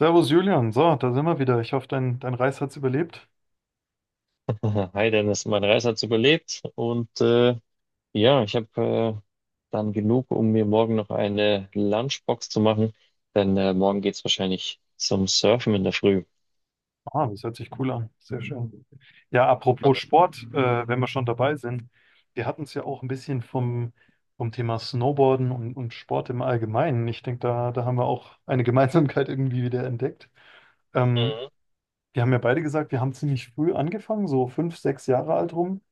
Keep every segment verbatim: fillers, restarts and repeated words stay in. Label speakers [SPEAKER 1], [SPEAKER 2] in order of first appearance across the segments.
[SPEAKER 1] Servus Julian, so, da sind wir wieder. Ich hoffe, dein, dein Reis hat's überlebt.
[SPEAKER 2] Hi Dennis, meine Reise hat überlebt und äh, ja, ich habe äh, dann genug, um mir morgen noch eine Lunchbox zu machen, denn äh, morgen geht's wahrscheinlich zum Surfen in der Früh.
[SPEAKER 1] Ah, das hört sich cool an. Sehr schön. Ja, apropos Sport, äh, wenn wir schon dabei sind, wir hatten es ja auch ein bisschen vom, vom Thema Snowboarden und, und Sport im Allgemeinen. Ich denke, da, da haben wir auch eine Gemeinsamkeit irgendwie wieder entdeckt. Ähm,
[SPEAKER 2] Mhm.
[SPEAKER 1] Wir haben ja beide gesagt, wir haben ziemlich früh angefangen, so fünf, sechs Jahre alt rum.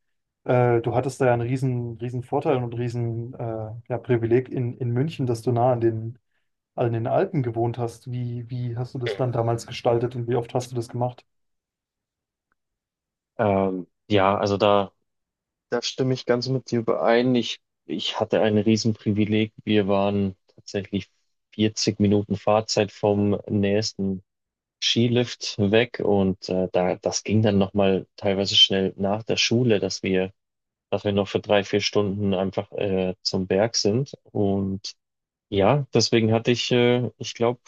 [SPEAKER 1] Äh, du hattest da ja einen riesen, riesen Vorteil und riesen äh, ja, Privileg in, in München, dass du nah an den, also in den Alpen gewohnt hast. Wie, wie hast du das dann damals gestaltet und wie oft hast du das gemacht?
[SPEAKER 2] Ähm, ja, also da, da stimme ich ganz mit dir überein. Ich, ich hatte ein Riesenprivileg. Wir waren tatsächlich vierzig Minuten Fahrzeit vom nächsten Skilift weg, und äh, da, das ging dann nochmal teilweise schnell nach der Schule, dass wir dass wir noch für drei, vier Stunden einfach äh, zum Berg sind. Und ja, deswegen hatte ich, äh, ich glaube,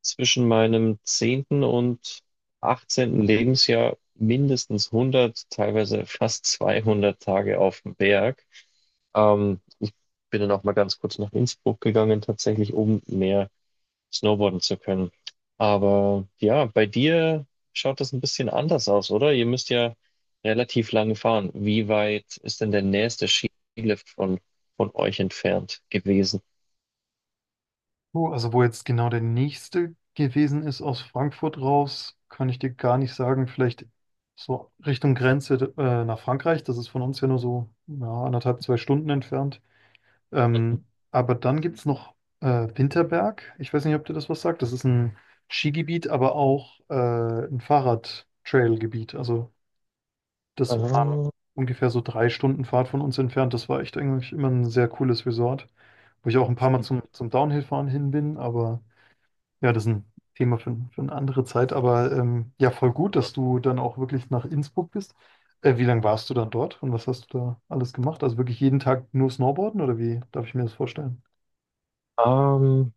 [SPEAKER 2] zwischen meinem zehnten und achtzehnten Lebensjahr mindestens hundert, teilweise fast zweihundert Tage auf dem Berg. Ähm, ich bin dann auch mal ganz kurz nach Innsbruck gegangen, tatsächlich, um mehr snowboarden zu können. Aber ja, bei dir schaut das ein bisschen anders aus, oder? Ihr müsst ja relativ lange fahren. Wie weit ist denn der nächste Skilift von, von euch entfernt gewesen?
[SPEAKER 1] Oh, also wo jetzt genau der nächste gewesen ist aus Frankfurt raus, kann ich dir gar nicht sagen. Vielleicht so Richtung Grenze äh, nach Frankreich. Das ist von uns ja nur so ja, anderthalb, zwei Stunden entfernt. Ähm, aber dann gibt es noch äh, Winterberg. Ich weiß nicht, ob dir das was sagt. Das ist ein Skigebiet, aber auch äh, ein Fahrrad-Trail-Gebiet. Also, das war
[SPEAKER 2] Mhm.
[SPEAKER 1] ungefähr so drei Stunden Fahrt von uns entfernt. Das war echt eigentlich immer ein sehr cooles Resort, wo ich auch ein paar Mal zum, zum Downhill-Fahren hin bin. Aber ja, das ist ein Thema für, für eine andere Zeit. Aber ähm, ja, voll gut, dass du dann auch wirklich nach Innsbruck bist. Äh, wie lange warst du dann dort und was hast du da alles gemacht? Also wirklich jeden Tag nur Snowboarden oder wie darf ich mir das vorstellen?
[SPEAKER 2] Ah, Ähm,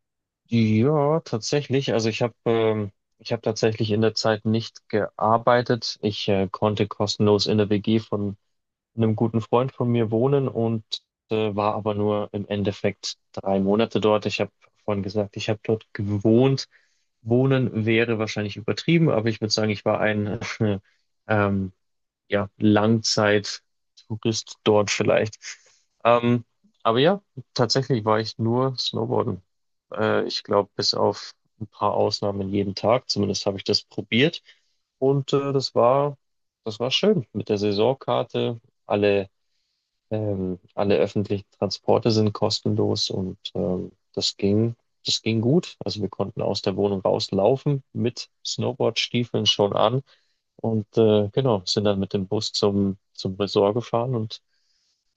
[SPEAKER 2] ja, tatsächlich. Also ich habe ähm, ich habe tatsächlich in der Zeit nicht gearbeitet. Ich äh, konnte kostenlos in der W G von einem guten Freund von mir wohnen, und äh, war aber nur im Endeffekt drei Monate dort. Ich habe vorhin gesagt, ich habe dort gewohnt. Wohnen wäre wahrscheinlich übertrieben, aber ich würde sagen, ich war ein ähm, ja, Langzeittourist dort vielleicht. Ähm, aber ja, tatsächlich war ich nur Snowboarden. Äh, ich glaube, bis auf ein paar Ausnahmen jeden Tag, zumindest habe ich das probiert. Und äh, das war, das war schön mit der Saisonkarte. Alle, ähm, alle öffentlichen Transporte sind kostenlos, und ähm, das ging, das ging gut. Also wir konnten aus der Wohnung rauslaufen mit Snowboardstiefeln schon an. Und äh, genau, sind dann mit dem Bus zum, zum Resort gefahren und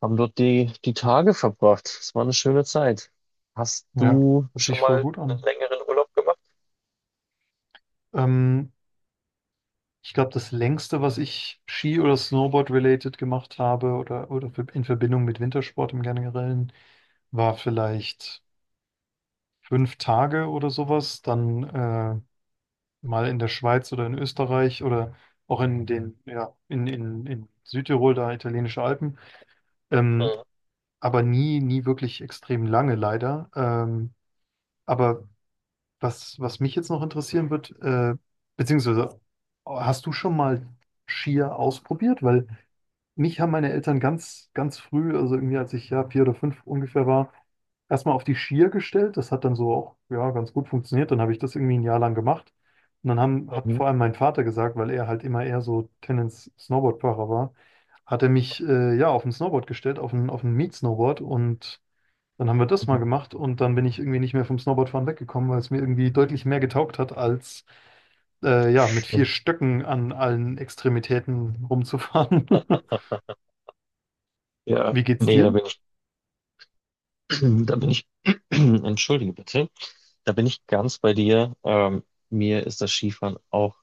[SPEAKER 2] haben dort die, die Tage verbracht. Es war eine schöne Zeit. Hast
[SPEAKER 1] Ja,
[SPEAKER 2] du
[SPEAKER 1] hört
[SPEAKER 2] schon
[SPEAKER 1] sich voll
[SPEAKER 2] mal
[SPEAKER 1] gut
[SPEAKER 2] einen
[SPEAKER 1] an.
[SPEAKER 2] längeren Urlaub gemacht?
[SPEAKER 1] Ähm, Ich glaube, das längste, was ich Ski- oder Snowboard-related gemacht habe oder, oder für- in Verbindung mit Wintersport im Generellen, war vielleicht fünf Tage oder sowas. Dann äh, mal in der Schweiz oder in Österreich oder auch in den, ja, in, in, in Südtirol, da italienische Alpen. Ähm,
[SPEAKER 2] Mhm.
[SPEAKER 1] aber nie, nie wirklich extrem lange, leider. Ähm, aber was, was mich jetzt noch interessieren wird, äh, beziehungsweise hast du schon mal Skier ausprobiert? Weil Mich haben meine Eltern ganz, ganz früh, also irgendwie als ich ja vier oder fünf ungefähr war, erstmal auf die Skier gestellt. Das hat dann so auch ja, ganz gut funktioniert. Dann habe ich das irgendwie ein Jahr lang gemacht. Und dann haben, hat
[SPEAKER 2] Mhm.
[SPEAKER 1] vor allem mein Vater gesagt, weil er halt immer eher so Tennis Snowboardfahrer war, hat er mich äh, ja auf ein Snowboard gestellt, auf ein, auf ein Mietsnowboard. Und dann haben wir das mal
[SPEAKER 2] Mhm.
[SPEAKER 1] gemacht. Und dann bin ich irgendwie nicht mehr vom Snowboardfahren weggekommen, weil es mir irgendwie deutlich mehr getaugt hat, als äh, ja mit vier
[SPEAKER 2] Stimmt.
[SPEAKER 1] Stöcken an allen Extremitäten rumzufahren.
[SPEAKER 2] Ja,
[SPEAKER 1] Wie geht's
[SPEAKER 2] nee, da
[SPEAKER 1] dir?
[SPEAKER 2] bin ich, da bin ich, entschuldige bitte, da bin ich ganz bei dir. Ähm, mir ist das Skifahren auch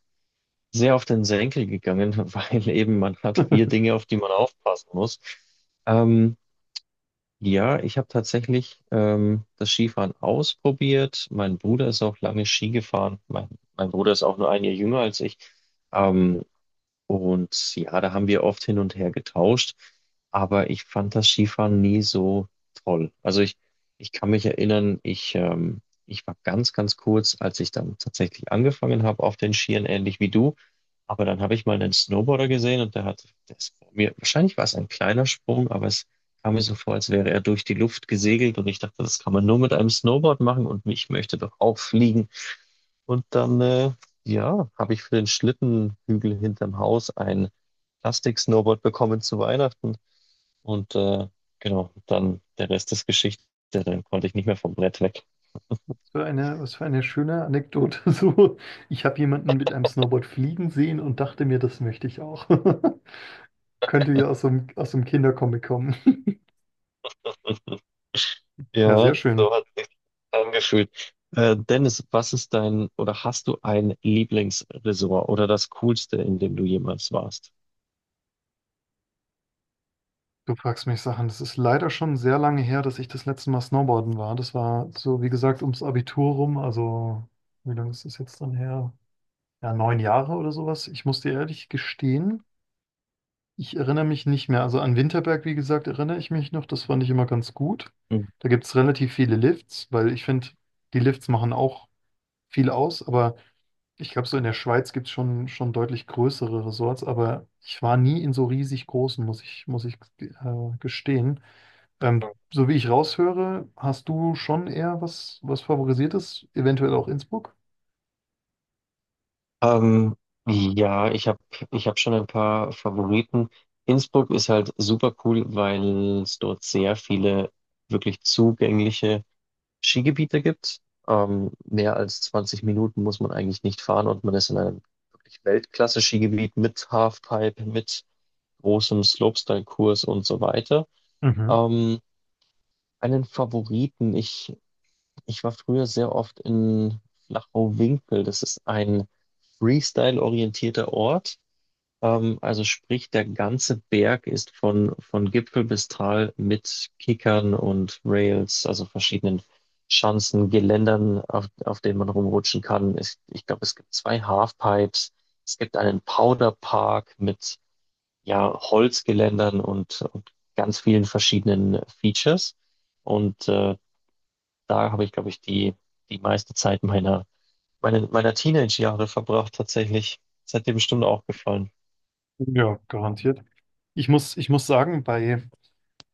[SPEAKER 2] sehr auf den Senkel gegangen, weil eben man hat vier Dinge, auf die man aufpassen muss. Ähm, Ja, ich habe tatsächlich ähm, das Skifahren ausprobiert. Mein Bruder ist auch lange Ski gefahren. Mein, mein Bruder ist auch nur ein Jahr jünger als ich. Ähm, und ja, da haben wir oft hin und her getauscht, aber ich fand das Skifahren nie so toll. Also ich, ich kann mich erinnern, ich, ähm, ich war ganz, ganz kurz, als ich dann tatsächlich angefangen habe auf den Skiern, ähnlich wie du. Aber dann habe ich mal einen Snowboarder gesehen, und der hat, der ist vor mir, wahrscheinlich war es ein kleiner Sprung, aber es kam mir so vor, als wäre er durch die Luft gesegelt, und ich dachte, das kann man nur mit einem Snowboard machen, und mich möchte doch auch fliegen. Und dann, äh, ja, habe ich für den Schlittenhügel hinterm Haus ein Plastik-Snowboard bekommen zu Weihnachten. Und äh, genau, dann der Rest ist Geschichte. Dann konnte ich nicht mehr vom Brett weg.
[SPEAKER 1] Was für eine, was für eine schöne Anekdote. So, ich habe jemanden mit einem Snowboard fliegen sehen und dachte mir, das möchte ich auch. Könnte ja aus so einem, aus so einem Kindercomic kommen. Ja, sehr
[SPEAKER 2] Ja,
[SPEAKER 1] schön.
[SPEAKER 2] so hat sich angefühlt. Äh, Dennis, was ist dein, oder hast du ein Lieblingsresort oder das Coolste, in dem du jemals warst?
[SPEAKER 1] Du fragst mich Sachen. Das ist leider schon sehr lange her, dass ich das letzte Mal Snowboarden war. Das war so, wie gesagt, ums Abitur rum. Also, wie lange ist das jetzt dann her? Ja, neun Jahre oder sowas. Ich muss dir ehrlich gestehen, ich erinnere mich nicht mehr. Also an Winterberg, wie gesagt, erinnere ich mich noch. Das fand ich immer ganz gut.
[SPEAKER 2] Mhm.
[SPEAKER 1] Da gibt es relativ viele Lifts, weil ich finde, die Lifts machen auch viel aus. Aber ich glaube, so in der Schweiz gibt es schon, schon deutlich größere Resorts. Aber ich war nie in so riesig großen, muss ich, muss ich äh, gestehen. Ähm, so wie ich raushöre, hast du schon eher was, was Favorisiertes, eventuell auch Innsbruck?
[SPEAKER 2] Ähm, ja, ich habe ich hab schon ein paar Favoriten. Innsbruck ist halt super cool, weil es dort sehr viele wirklich zugängliche Skigebiete gibt. Ähm, mehr als zwanzig Minuten muss man eigentlich nicht fahren, und man ist in einem wirklich Weltklasse-Skigebiet mit Halfpipe, mit großem Slopestyle-Kurs und so weiter.
[SPEAKER 1] Mhm.
[SPEAKER 2] Ähm, einen Favoriten, ich, ich war früher sehr oft in Flachau-Winkel. Das ist ein Freestyle-orientierter Ort. Ähm, also sprich, der ganze Berg ist von, von Gipfel bis Tal mit Kickern und Rails, also verschiedenen Schanzen, Geländern, auf, auf denen man rumrutschen kann. Es, ich glaube, es gibt zwei Halfpipes. Es gibt einen Powderpark mit ja, Holzgeländern und und ganz vielen verschiedenen Features. Und äh, da habe ich, glaube ich, die, die meiste Zeit meiner, meiner, meiner Teenage-Jahre verbracht, tatsächlich. Das hat dir bestimmt auch gefallen.
[SPEAKER 1] Ja, garantiert. Ich muss, ich muss sagen, bei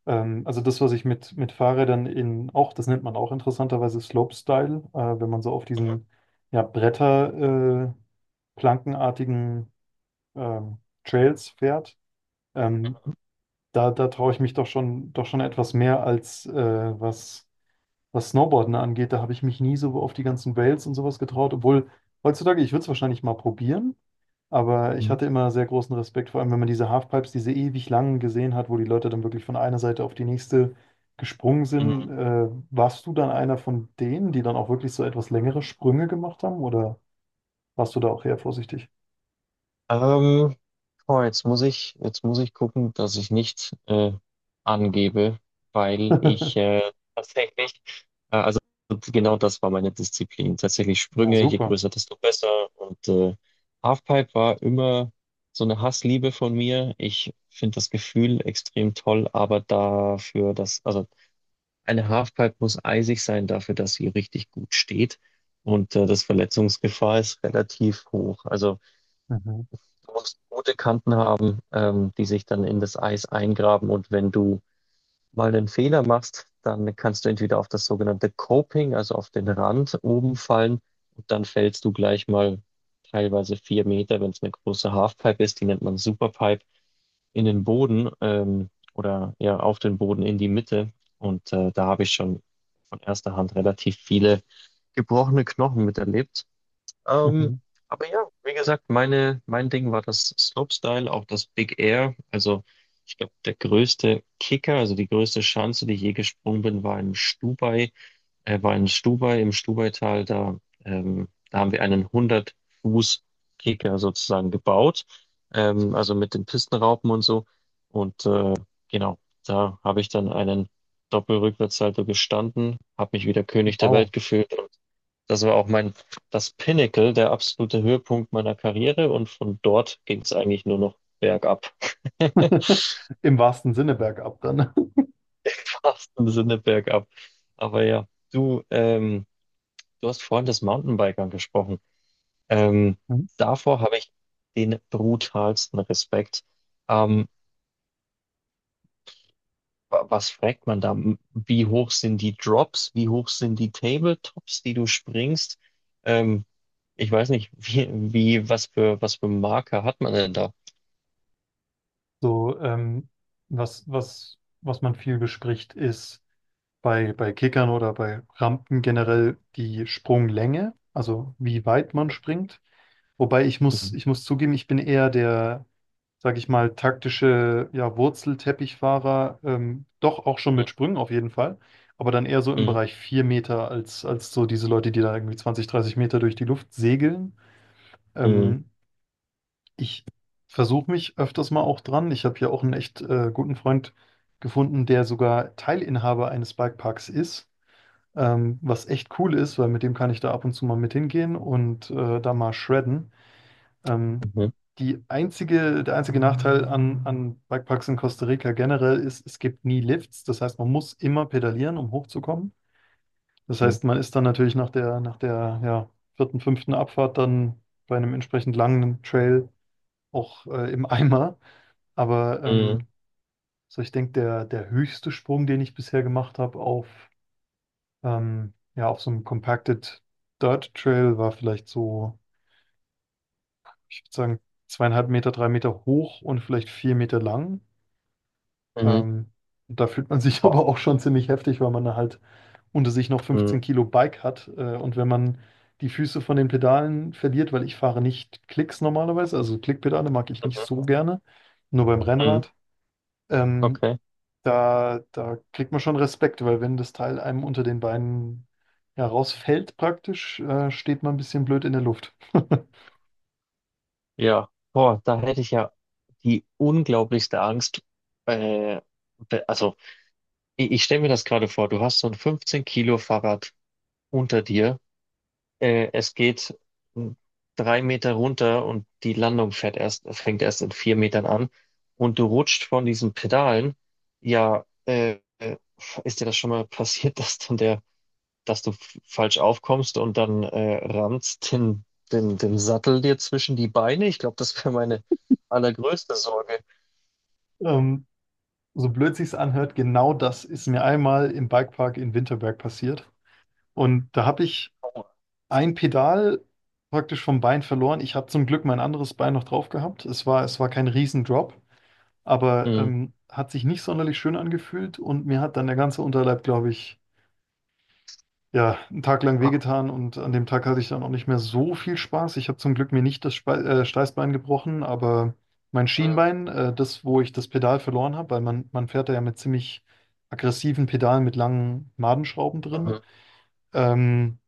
[SPEAKER 1] Ähm, also das, was ich mit, mit Fahrrädern in auch, das nennt man auch interessanterweise Slopestyle, äh, wenn man so auf diesen ja, Bretter, äh, plankenartigen ähm, Trails fährt, ähm, da, da traue ich mich doch schon, doch schon etwas mehr als äh, was was Snowboarden angeht. Da habe ich mich nie so auf die ganzen Rails und sowas getraut, obwohl heutzutage, ich würde es wahrscheinlich mal probieren, aber ich hatte immer sehr großen Respekt, vor allem wenn man diese Halfpipes, diese ewig langen gesehen hat, wo die Leute dann wirklich von einer Seite auf die nächste gesprungen sind.
[SPEAKER 2] Mhm.
[SPEAKER 1] Äh, warst du dann einer von denen, die dann auch wirklich so etwas längere Sprünge gemacht haben oder warst du da auch eher vorsichtig?
[SPEAKER 2] Ähm, boah, jetzt muss ich, jetzt muss ich gucken, dass ich nicht äh, angebe, weil ich äh, tatsächlich, äh, also genau das war meine Disziplin. Tatsächlich
[SPEAKER 1] Ja,
[SPEAKER 2] Sprünge, je
[SPEAKER 1] super.
[SPEAKER 2] größer, desto besser. Und äh, Halfpipe war immer so eine Hassliebe von mir. Ich finde das Gefühl extrem toll, aber dafür, dass, also eine Halfpipe muss eisig sein dafür, dass sie richtig gut steht. Und äh, das Verletzungsgefahr ist relativ hoch. Also
[SPEAKER 1] Mhm.
[SPEAKER 2] du musst gute Kanten haben, ähm, die sich dann in das Eis eingraben. Und wenn du mal einen Fehler machst, dann kannst du entweder auf das sogenannte Coping, also auf den Rand oben fallen, und dann fällst du gleich mal teilweise vier Meter, wenn es eine große Halfpipe ist, die nennt man Superpipe, in den Boden, ähm, oder ja auf den Boden in die Mitte. Und äh, da habe ich schon von erster Hand relativ viele gebrochene Knochen miterlebt. Ähm,
[SPEAKER 1] Mhm.
[SPEAKER 2] aber ja, wie gesagt, meine, mein Ding war das Slopestyle, auch das Big Air. Also ich glaube, der größte Kicker, also die größte Schanze, die ich je gesprungen bin, war in Stubai, äh, war in Stubai, im Stubaital. Da, ähm, da haben wir einen hundert-Fuß-Kicker sozusagen gebaut, ähm, also mit den Pistenraupen und so. Und äh, genau, da habe ich dann einen Doppelrückwärtssalto gestanden, habe mich wieder König der
[SPEAKER 1] Wow.
[SPEAKER 2] Welt gefühlt. Das war auch mein, das Pinnacle, der absolute Höhepunkt meiner Karriere, und von dort ging es eigentlich nur noch bergab.
[SPEAKER 1] Im wahrsten Sinne bergab dann.
[SPEAKER 2] Fast im Sinne bergab. Aber ja, du, ähm, du hast vorhin des Mountainbikern gesprochen. Ähm, davor habe ich den brutalsten Respekt. Ähm, wa- was fragt man da? Wie hoch sind die Drops? Wie hoch sind die Tabletops, die du springst? Ähm, ich weiß nicht, wie, wie, was für, was für Marker hat man denn da?
[SPEAKER 1] So, ähm, was, was, was man viel bespricht, ist bei, bei Kickern oder bei Rampen generell die Sprunglänge, also wie weit man springt. Wobei ich muss, ich muss zugeben, ich bin eher der, sag ich mal, taktische, ja, Wurzelteppichfahrer, ähm, doch auch schon mit Sprüngen auf jeden Fall, aber dann eher so im
[SPEAKER 2] Mhm.
[SPEAKER 1] Bereich vier Meter als, als so diese Leute, die da irgendwie zwanzig dreißig Meter durch die Luft segeln.
[SPEAKER 2] Mhm.
[SPEAKER 1] Ähm, Ich versuche mich öfters mal auch dran. Ich habe hier auch einen echt äh, guten Freund gefunden, der sogar Teilinhaber eines Bikeparks ist, ähm, was echt cool ist, weil mit dem kann ich da ab und zu mal mit hingehen und äh, da mal shredden. Ähm,
[SPEAKER 2] Mhm.
[SPEAKER 1] die einzige, der einzige Nachteil an, an Bikeparks in Costa Rica generell ist, es gibt nie Lifts. Das heißt, man muss immer pedalieren, um hochzukommen. Das
[SPEAKER 2] Mhm.
[SPEAKER 1] heißt, man ist dann natürlich nach der, nach der ja, vierten, fünften Abfahrt dann bei einem entsprechend langen Trail auch äh, im Eimer. Aber
[SPEAKER 2] Mhm.
[SPEAKER 1] ähm, so ich denke, der, der höchste Sprung, den ich bisher gemacht habe auf, ähm, ja, auf so einem Compacted Dirt Trail, war vielleicht so, ich würde sagen, zweieinhalb Meter, drei Meter hoch und vielleicht vier Meter lang.
[SPEAKER 2] Mhm.
[SPEAKER 1] Ähm, Da fühlt man sich
[SPEAKER 2] Boah.
[SPEAKER 1] aber auch schon ziemlich heftig, weil man da halt unter sich noch
[SPEAKER 2] Mhm.
[SPEAKER 1] fünfzehn Kilo Bike hat. Äh, und wenn man die Füße von den Pedalen verliert, weil ich fahre nicht Klicks normalerweise, also Klickpedale mag ich nicht
[SPEAKER 2] Mhm.
[SPEAKER 1] so gerne, nur beim
[SPEAKER 2] Mhm.
[SPEAKER 1] Rennrad. Ähm,
[SPEAKER 2] Okay.
[SPEAKER 1] Da, da kriegt man schon Respekt, weil wenn das Teil einem unter den Beinen ja, rausfällt praktisch, äh, steht man ein bisschen blöd in der Luft.
[SPEAKER 2] Ja. Boah, da hätte ich ja die unglaublichste Angst. Äh, be- also, ich, ich stelle mir das gerade vor, du hast so ein fünfzehn Kilo Fahrrad unter dir. Äh, es geht mm, drei Meter runter, und die Landung fährt erst, fängt erst in vier Metern an. Und du rutscht von diesen Pedalen. Ja, äh, äh, ist dir das schon mal passiert, dass dann der dass du f- falsch aufkommst und dann äh, rammst den, den, den Sattel dir zwischen die Beine. Ich glaube, das wäre meine allergrößte Sorge.
[SPEAKER 1] Ähm, so blöd sich's anhört, genau das ist mir einmal im Bikepark in Winterberg passiert. Und da habe ich ein Pedal praktisch vom Bein verloren. Ich habe zum Glück mein anderes Bein noch drauf gehabt. Es war, es war kein Riesendrop, aber
[SPEAKER 2] Mhm.
[SPEAKER 1] ähm, hat sich nicht sonderlich schön angefühlt und mir hat dann der ganze Unterleib, glaube ich, ja, einen Tag lang wehgetan und an dem Tag hatte ich dann auch nicht mehr so viel Spaß. Ich habe zum Glück mir nicht das Spe äh, Steißbein gebrochen, aber mein
[SPEAKER 2] Mhm.
[SPEAKER 1] Schienbein, äh, das, wo ich das Pedal verloren habe, weil man, man fährt da ja mit ziemlich aggressiven Pedalen mit langen Madenschrauben drin,
[SPEAKER 2] Mhm.
[SPEAKER 1] ähm,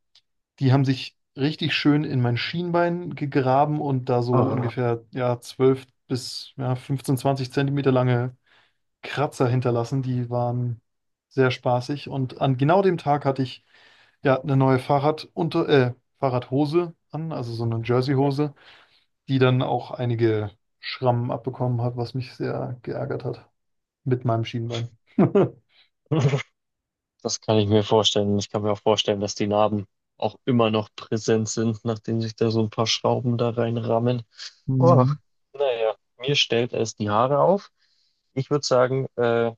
[SPEAKER 1] die haben sich richtig schön in mein Schienbein gegraben und da so
[SPEAKER 2] Ah.
[SPEAKER 1] ungefähr ja, zwölf bis ja, fünfzehn, zwanzig Zentimeter lange Kratzer hinterlassen. Die waren sehr spaßig und an genau dem Tag hatte ich der hat eine neue Fahrradunter, äh, Fahrradhose an, also so eine Jerseyhose, die dann auch einige Schrammen abbekommen hat, was mich sehr geärgert hat. Mit meinem Schienbein.
[SPEAKER 2] ah. Das kann ich mir vorstellen. Ich kann mir auch vorstellen, dass die Narben auch immer noch präsent sind, nachdem sich da so ein paar Schrauben da reinrammen. Oh,
[SPEAKER 1] Hm.
[SPEAKER 2] naja, mir stellt es die Haare auf. Ich würde sagen, äh,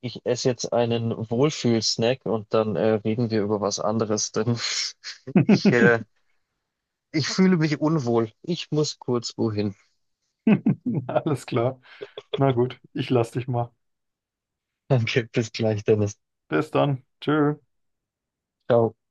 [SPEAKER 2] Ich esse jetzt einen Wohlfühlsnack, und dann äh, reden wir über was anderes, denn ich, äh, ich fühle mich unwohl. Ich muss kurz wohin.
[SPEAKER 1] Alles klar. Na gut, ich lass dich mal.
[SPEAKER 2] Danke, bis gleich, Dennis.
[SPEAKER 1] Bis dann. Tschö.
[SPEAKER 2] Ciao.